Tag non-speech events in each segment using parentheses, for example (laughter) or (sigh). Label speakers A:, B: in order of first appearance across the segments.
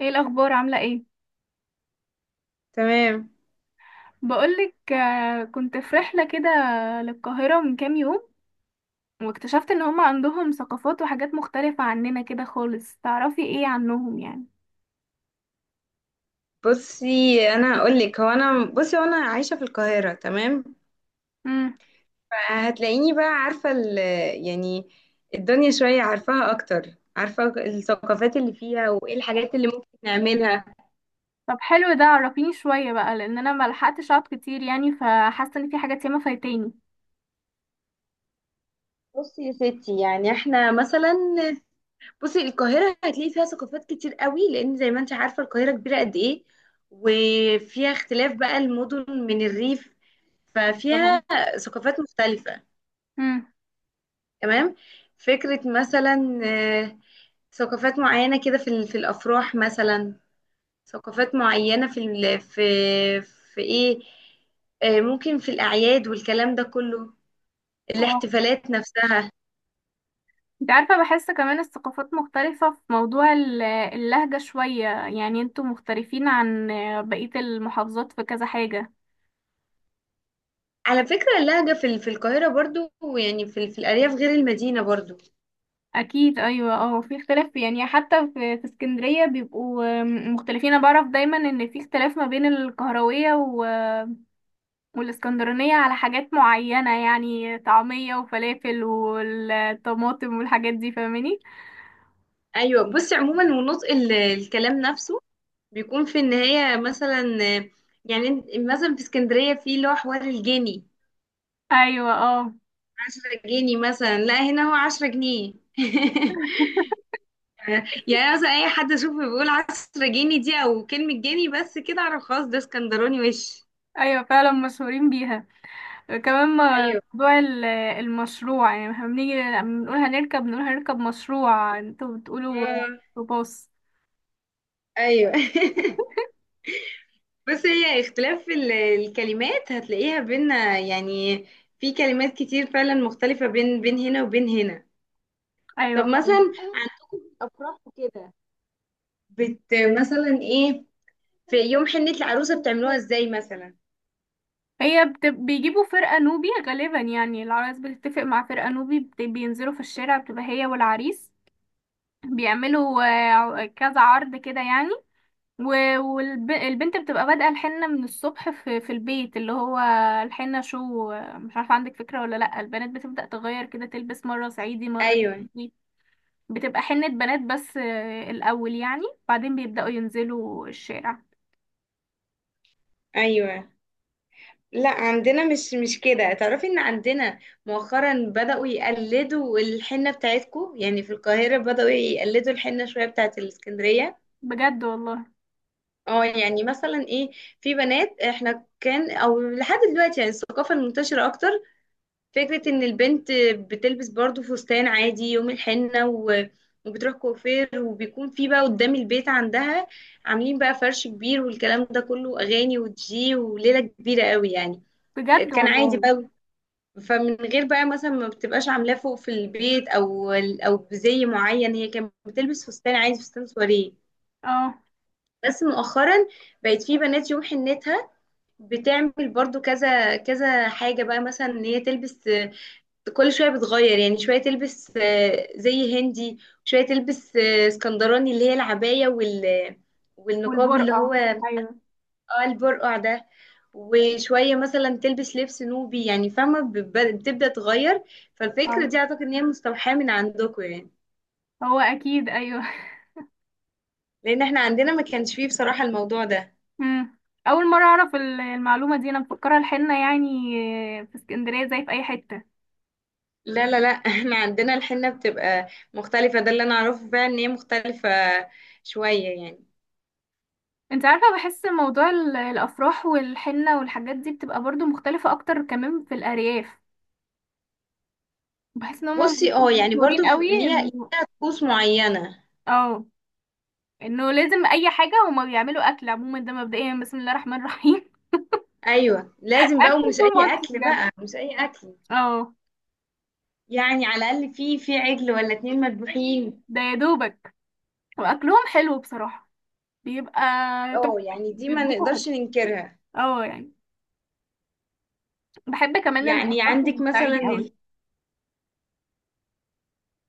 A: ايه الاخبار، عامله ايه؟
B: تمام.
A: بقولك، كنت في رحله كده للقاهره من كام يوم، واكتشفت ان هم عندهم ثقافات وحاجات مختلفه عننا كده خالص. تعرفي ايه عنهم يعني؟
B: بصي انا اقول لك، هو انا بصي وانا عايشه في القاهره، تمام.
A: امم.
B: فهتلاقيني بقى عارفه يعني الدنيا شويه، عارفاها اكتر، عارفه الثقافات اللي فيها وايه الحاجات اللي ممكن نعملها.
A: طب حلو، ده عرفيني شويه بقى، لان انا ما لحقتش اقعد كتير يعني، فحاسه ان في حاجات ياما فايتاني.
B: بصي يا ستي، يعني احنا مثلا، بصي القاهره هتلاقي فيها ثقافات كتير قوي، لان زي ما انت عارفه القاهره كبيره قد ايه، وفيها اختلاف بقى، المدن من الريف،
A: طبعا.
B: ففيها ثقافات مختلفه.
A: امم.
B: تمام. فكرة مثلا، آه، ثقافات معينة كده في الأفراح مثلا، ثقافات معينة في إيه، ممكن في الأعياد والكلام ده كله،
A: اه.
B: الاحتفالات نفسها.
A: انت عارفه، بحس كمان الثقافات مختلفه في موضوع اللهجه شويه، يعني انتوا مختلفين عن بقيه المحافظات في كذا حاجه.
B: على فكرة اللهجة في القاهرة برضو، يعني في الأرياف غير المدينة برضو.
A: اكيد ايوه، اه، في اختلاف يعني. حتى في اسكندريه بيبقوا مختلفين. انا بعرف دايما ان في اختلاف ما بين القهرويه والاسكندرانيه على حاجات معينه، يعني طعميه وفلافل والطماطم والحاجات دي، فاهماني؟
B: أيوة، بصي عموما، ونطق الكلام نفسه بيكون في النهاية مثلا، آه، يعني مثلا في اسكندرية في، اللي هو حوار الجني،
A: ايوه اه.
B: 10 جنيه مثلا، لا هنا هو 10 جنيه. (laughs) يعني مثلا، اي حد اشوفه بيقول 10 جنيه دي او كلمة جنيه بس، كده اعرف خلاص، ده اسكندراني وش.
A: ايوه فعلا مشهورين بيها. كمان
B: ايوه،
A: موضوع المشروع، يعني احنا بنيجي لما بنقول هنركب مشروع. انتوا بتقولوا
B: آه،
A: باص.
B: ايوه. (laughs) بس هي اختلاف الكلمات هتلاقيها بينا، يعني في كلمات كتير فعلا مختلفة، بين بين هنا وبين هنا. طب
A: ايوه.
B: مثلا، عن- بت مثلا ايه، في يوم حنة العروسة بتعملوها ازاي مثلا؟
A: هي بيجيبوا فرقة نوبي غالبا، يعني العرايس بتتفق مع فرقة نوبي، بينزلوا في الشارع، بتبقى هي والعريس بيعملوا كذا عرض كده يعني. والبنت بتبقى بادئة الحنة من الصبح في البيت اللي هو الحنة. شو آه، مش عارفة عندك فكرة ولا لأ؟ البنات بتبدأ تغير كده، تلبس مرة صعيدي، مرة
B: ايوه،
A: كردي. بتبقى حنة بنات بس الأول يعني، بعدين بيبدأوا ينزلوا الشارع.
B: ايوه. لا، عندنا مش كده، تعرفي ان عندنا مؤخرا بدأوا يقلدوا الحنة بتاعتكو، يعني في القاهرة بدأوا يقلدوا الحنة شوية بتاعت الاسكندرية.
A: بجد والله.
B: اه، يعني مثلا ايه، في بنات احنا كان او لحد دلوقتي يعني الثقافة المنتشرة اكتر فكرة ان البنت بتلبس برضو فستان عادي يوم الحنة وبتروح كوافير، وبيكون في بقى قدام البيت عندها عاملين بقى فرش كبير، والكلام ده كله اغاني ودجي وليلة كبيرة قوي يعني.
A: بجد
B: كان عادي
A: والله.
B: بقى. فمن غير بقى مثلا ما بتبقاش عاملاه فوق في البيت او بزي معين، هي كانت بتلبس فستان عادي، فستان سواريه.
A: اه.
B: بس مؤخرا بقت في بنات يوم حنتها بتعمل برضو كذا كذا حاجة بقى، مثلا ان هي تلبس، كل شوية بتغير يعني، شوية تلبس زي هندي، شوية تلبس اسكندراني اللي هي العباية والنقاب اللي
A: والبرقع.
B: هو،
A: ايوه.
B: اه البرقع ده، وشوية مثلا تلبس لبس نوبي، يعني فاهمة، بتبدأ تغير. فالفكرة
A: اه،
B: دي أعتقد إن هي مستوحاة من عندكم يعني،
A: هو اكيد ايوه. (laughs)
B: لأن احنا عندنا ما كانش فيه بصراحة الموضوع ده.
A: مم. اول مره اعرف المعلومه دي، انا مفكره الحنه يعني في اسكندريه زي في اي حته.
B: لا، لا، لا. (laughs) احنا عندنا الحنة بتبقى مختلفة، ده اللي أنا أعرفه فعلا، إن هي مختلفة شوية يعني.
A: انت عارفه، بحس موضوع الافراح والحنه والحاجات دي بتبقى برضو مختلفه اكتر، كمان في الارياف بحس ان هم
B: بصي،
A: بيبقوا
B: اه يعني
A: مشهورين
B: برضو،
A: قوي
B: ليها ليها طقوس معينة.
A: اه انه لازم. اي حاجه هما بيعملوا اكل عموما ده، مبدئيا بسم الله الرحمن الرحيم. (laughs)
B: أيوة، لازم بقى،
A: اكل
B: ومش أي
A: طول ماتش
B: أكل
A: بجد.
B: بقى، مش أي أكل.
A: اه.
B: يعني على الأقل في عجل ولا اتنين مذبوحين.
A: ده يا دوبك. واكلهم حلو بصراحه، بيبقى
B: اه
A: تحفه.
B: يعني دي ما
A: بيطبخوا حلو،
B: نقدرش ننكرها.
A: اه يعني. بحب كمان
B: يعني
A: الافراح
B: عندك
A: الصعيدي
B: مثلا
A: قوي.
B: ال-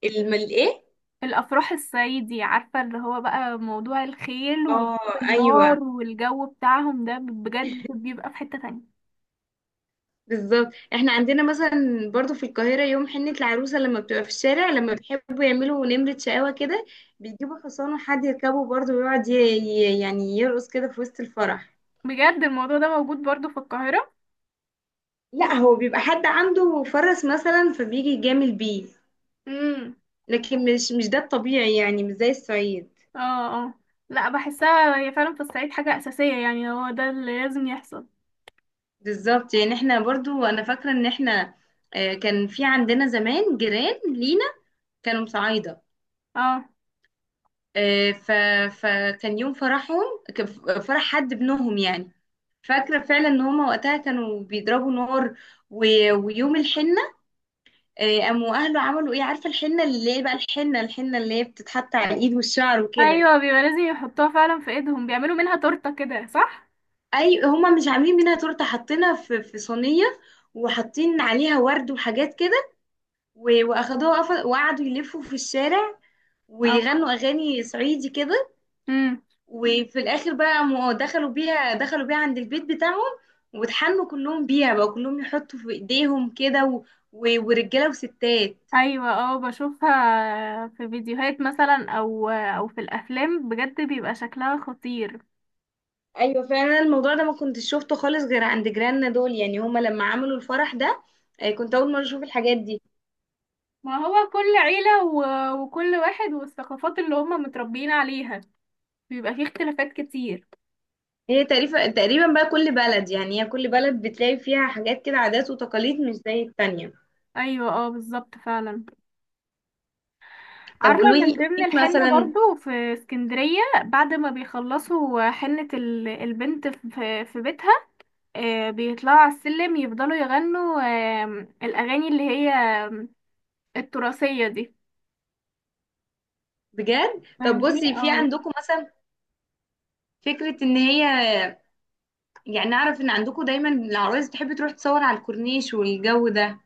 B: الم- الايه.
A: الافراح الصعيدي، عارفه اللي هو بقى موضوع الخيل وطب
B: اه، ايوه،
A: النار والجو بتاعهم ده، بجد بيبقى في حته تانية.
B: بالظبط. احنا عندنا مثلا برضو في القاهره يوم حنه العروسه، لما بتبقى في الشارع، لما بيحبوا يعملوا نمره شقاوه كده، بيجيبوا حصان وحد يركبه برضو ويقعد يعني يرقص كده في وسط الفرح.
A: بجد الموضوع ده موجود برضو في القاهره؟
B: لا، هو بيبقى حد عنده فرس مثلا فبيجي يجامل بيه،
A: امم.
B: لكن مش ده الطبيعي، يعني مش زي الصعيد.
A: اه اه. لا، بحسها هي فعلا في الصعيد حاجه اساسيه، يعني هو ده اللي لازم يحصل.
B: بالظبط، يعني احنا برضو انا فاكره ان احنا، كان في عندنا زمان جيران لينا كانوا مصعايده،
A: اه.
B: آه، ف... فكان يوم فرحهم، كان فرح حد ابنهم يعني، فاكرة فعلا ان هما وقتها كانوا بيضربوا نار، و... ويوم الحنة، قاموا اهله عملوا ايه، عارفة الحنة اللي هي بقى، الحنة اللي هي بتتحط على الايد والشعر وكده.
A: ايوه، بيبقى لازم يحطوها فعلا في ايدهم، بيعملوا منها تورته كده، صح؟
B: اي، هما مش عاملين منها تورتة، حاطينها في صينية، وحاطين عليها ورد وحاجات كده، واخدوها وقعدوا يلفوا في الشارع ويغنوا اغاني صعيدي كده.
A: اه.
B: وفي الاخر بقى، دخلوا بيها عند البيت بتاعهم، واتحنوا كلهم بيها بقى، كلهم يحطوا في ايديهم كده، ورجاله وستات.
A: ايوه اه، بشوفها في فيديوهات مثلا او في الافلام، بجد بيبقى شكلها خطير.
B: ايوه، فعلا الموضوع ده ما كنتش شفته خالص غير عند جيراننا دول، يعني هما لما عملوا الفرح ده كنت اول مره اشوف الحاجات دي.
A: ما هو كل عيلة وكل واحد والثقافات اللي هم متربيين عليها، بيبقى فيه اختلافات كتير.
B: هي تقريبا تقريبا بقى، كل بلد يعني، هي كل بلد بتلاقي فيها حاجات كده، عادات وتقاليد مش زي التانية.
A: ايوه اه، بالظبط فعلا.
B: طب،
A: عارفة
B: قولوا لي
A: من
B: قولي
A: ضمن
B: لي
A: الحنة
B: مثلا.
A: برضو في اسكندرية، بعد ما بيخلصوا حنة البنت في بيتها، بيطلعوا على السلم، يفضلوا يغنوا الاغاني اللي هي التراثية دي،
B: بجد، طب
A: فاهماني؟
B: بصي، في
A: اه.
B: عندكم مثلا فكرة ان هي، يعني اعرف ان عندكم دايما العرايس بتحب تروح تصور على الكورنيش والجو ده،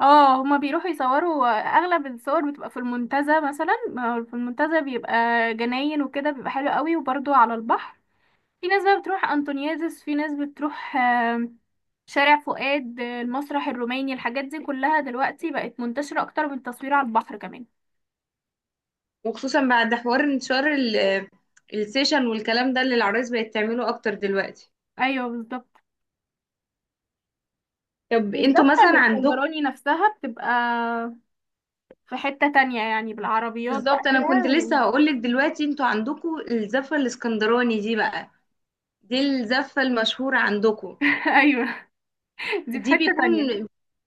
A: اه، هما بيروحوا يصوروا. اغلب الصور بتبقى في المنتزه مثلا، ما هو في المنتزه بيبقى جناين وكده، بيبقى حلو قوي، وبرضو على البحر. في ناس بقى بتروح انطونيادس، في ناس بتروح شارع فؤاد، المسرح الروماني، الحاجات دي كلها دلوقتي بقت منتشرة اكتر من التصوير على البحر كمان.
B: وخصوصا بعد حوار انتشار السيشن والكلام ده، اللي العرايس بقت تعمله اكتر دلوقتي.
A: ايوه بالظبط.
B: طب انتوا
A: والزحمة
B: مثلا عندكم،
A: الاسكندراني نفسها بتبقى في حتة تانية يعني، بالعربيات
B: بالظبط
A: بقى
B: انا
A: كده
B: كنت لسه هقولك دلوقتي، انتوا عندكم الزفة الاسكندراني دي بقى، دي الزفة المشهورة عندكم.
A: (laughs) ايوه، دي في
B: دي
A: حتة
B: بيكون
A: تانية.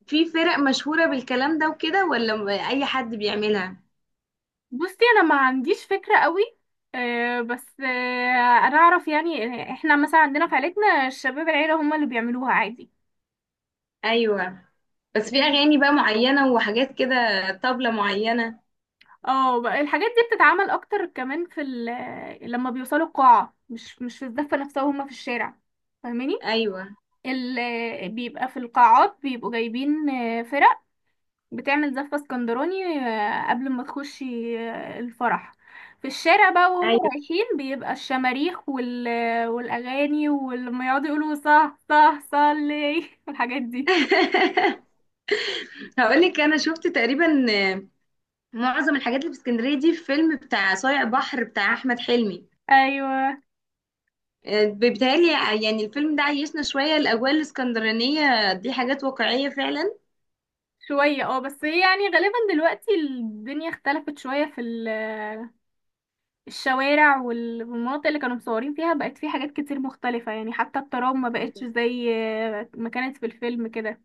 B: في فرق مشهورة بالكلام ده وكده، ولا اي حد بيعملها؟
A: بصي انا ما عنديش فكرة قوي. بس انا اعرف يعني، احنا مثلا عندنا في عيلتنا الشباب العيلة هم اللي بيعملوها عادي.
B: ايوه، بس في
A: اه.
B: اغاني بقى معينة وحاجات كده، طبلة معينة.
A: بقى الحاجات دي بتتعمل اكتر كمان في لما بيوصلوا القاعة، مش في الزفة نفسها وهم في الشارع، فاهماني؟
B: ايوه.
A: بيبقى في القاعات بيبقوا جايبين فرق بتعمل زفة اسكندراني قبل ما تخشي الفرح. في الشارع بقى وهم رايحين، بيبقى الشماريخ والأغاني، ولما يقعدوا يقولوا صح صح صلي (laughs) والحاجات دي.
B: (laughs) هقول لك انا شفت تقريبا، آه، معظم الحاجات اللي في اسكندريه دي في فيلم بتاع صايع بحر بتاع احمد حلمي،
A: أيوة.
B: بيتهيألي يعني الفيلم ده عيشنا شويه الاجواء الاسكندرانيه دي، حاجات واقعيه فعلا.
A: شوية اه، بس هي يعني غالبا دلوقتي الدنيا اختلفت شوية في الشوارع والمناطق اللي كانوا مصورين فيها بقت في حاجات كتير مختلفة، يعني حتى الترام ما بقتش
B: أيوة.
A: زي ما كانت في الفيلم كده.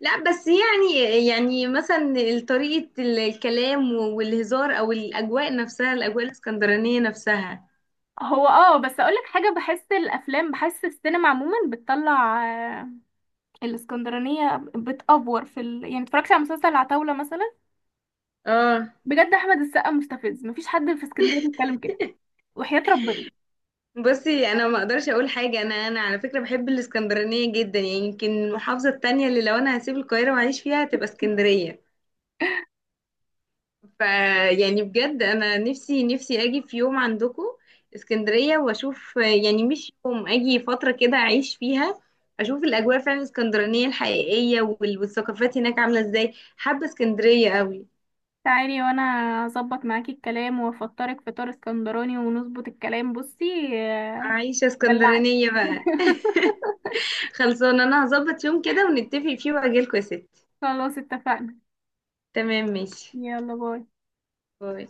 B: لا بس يعني مثلا، طريقه الكلام والهزار، او الاجواء الاسكندرانيه نفسها.
A: هو اه، بس اقولك حاجة، بحس الافلام، بحس السينما عموما بتطلع آه، الاسكندرانية بتأفور في يعني اتفرجت على مسلسل العتاولة مثلا.
B: اه،
A: بجد احمد السقا مستفز، مفيش حد في اسكندرية بيتكلم كده، وحياة ربنا.
B: بصي انا ما اقدرش اقول حاجه، انا على فكره بحب الاسكندرانيه جدا، يعني يمكن المحافظه التانية اللي لو انا هسيب القاهره واعيش فيها هتبقى اسكندريه. ف يعني بجد انا نفسي نفسي اجي في يوم عندكم اسكندريه واشوف، يعني مش يوم اجي فتره كده اعيش فيها، اشوف الاجواء فعلا الاسكندرانيه الحقيقيه والثقافات هناك عامله ازاي، حابه اسكندريه قوي.
A: تعالي وانا اظبط معاكي الكلام، وافطرك فطار اسكندراني، ونظبط الكلام. بصي
B: عايشه
A: دلعك.
B: اسكندرانيه بقى.
A: (laughs)
B: (laughs) خلصانه، انا هظبط يوم كده ونتفق فيه واجيلكوا يا ستي.
A: خلاص اتفقنا.
B: تمام، ماشي،
A: يلا باي.
B: باي.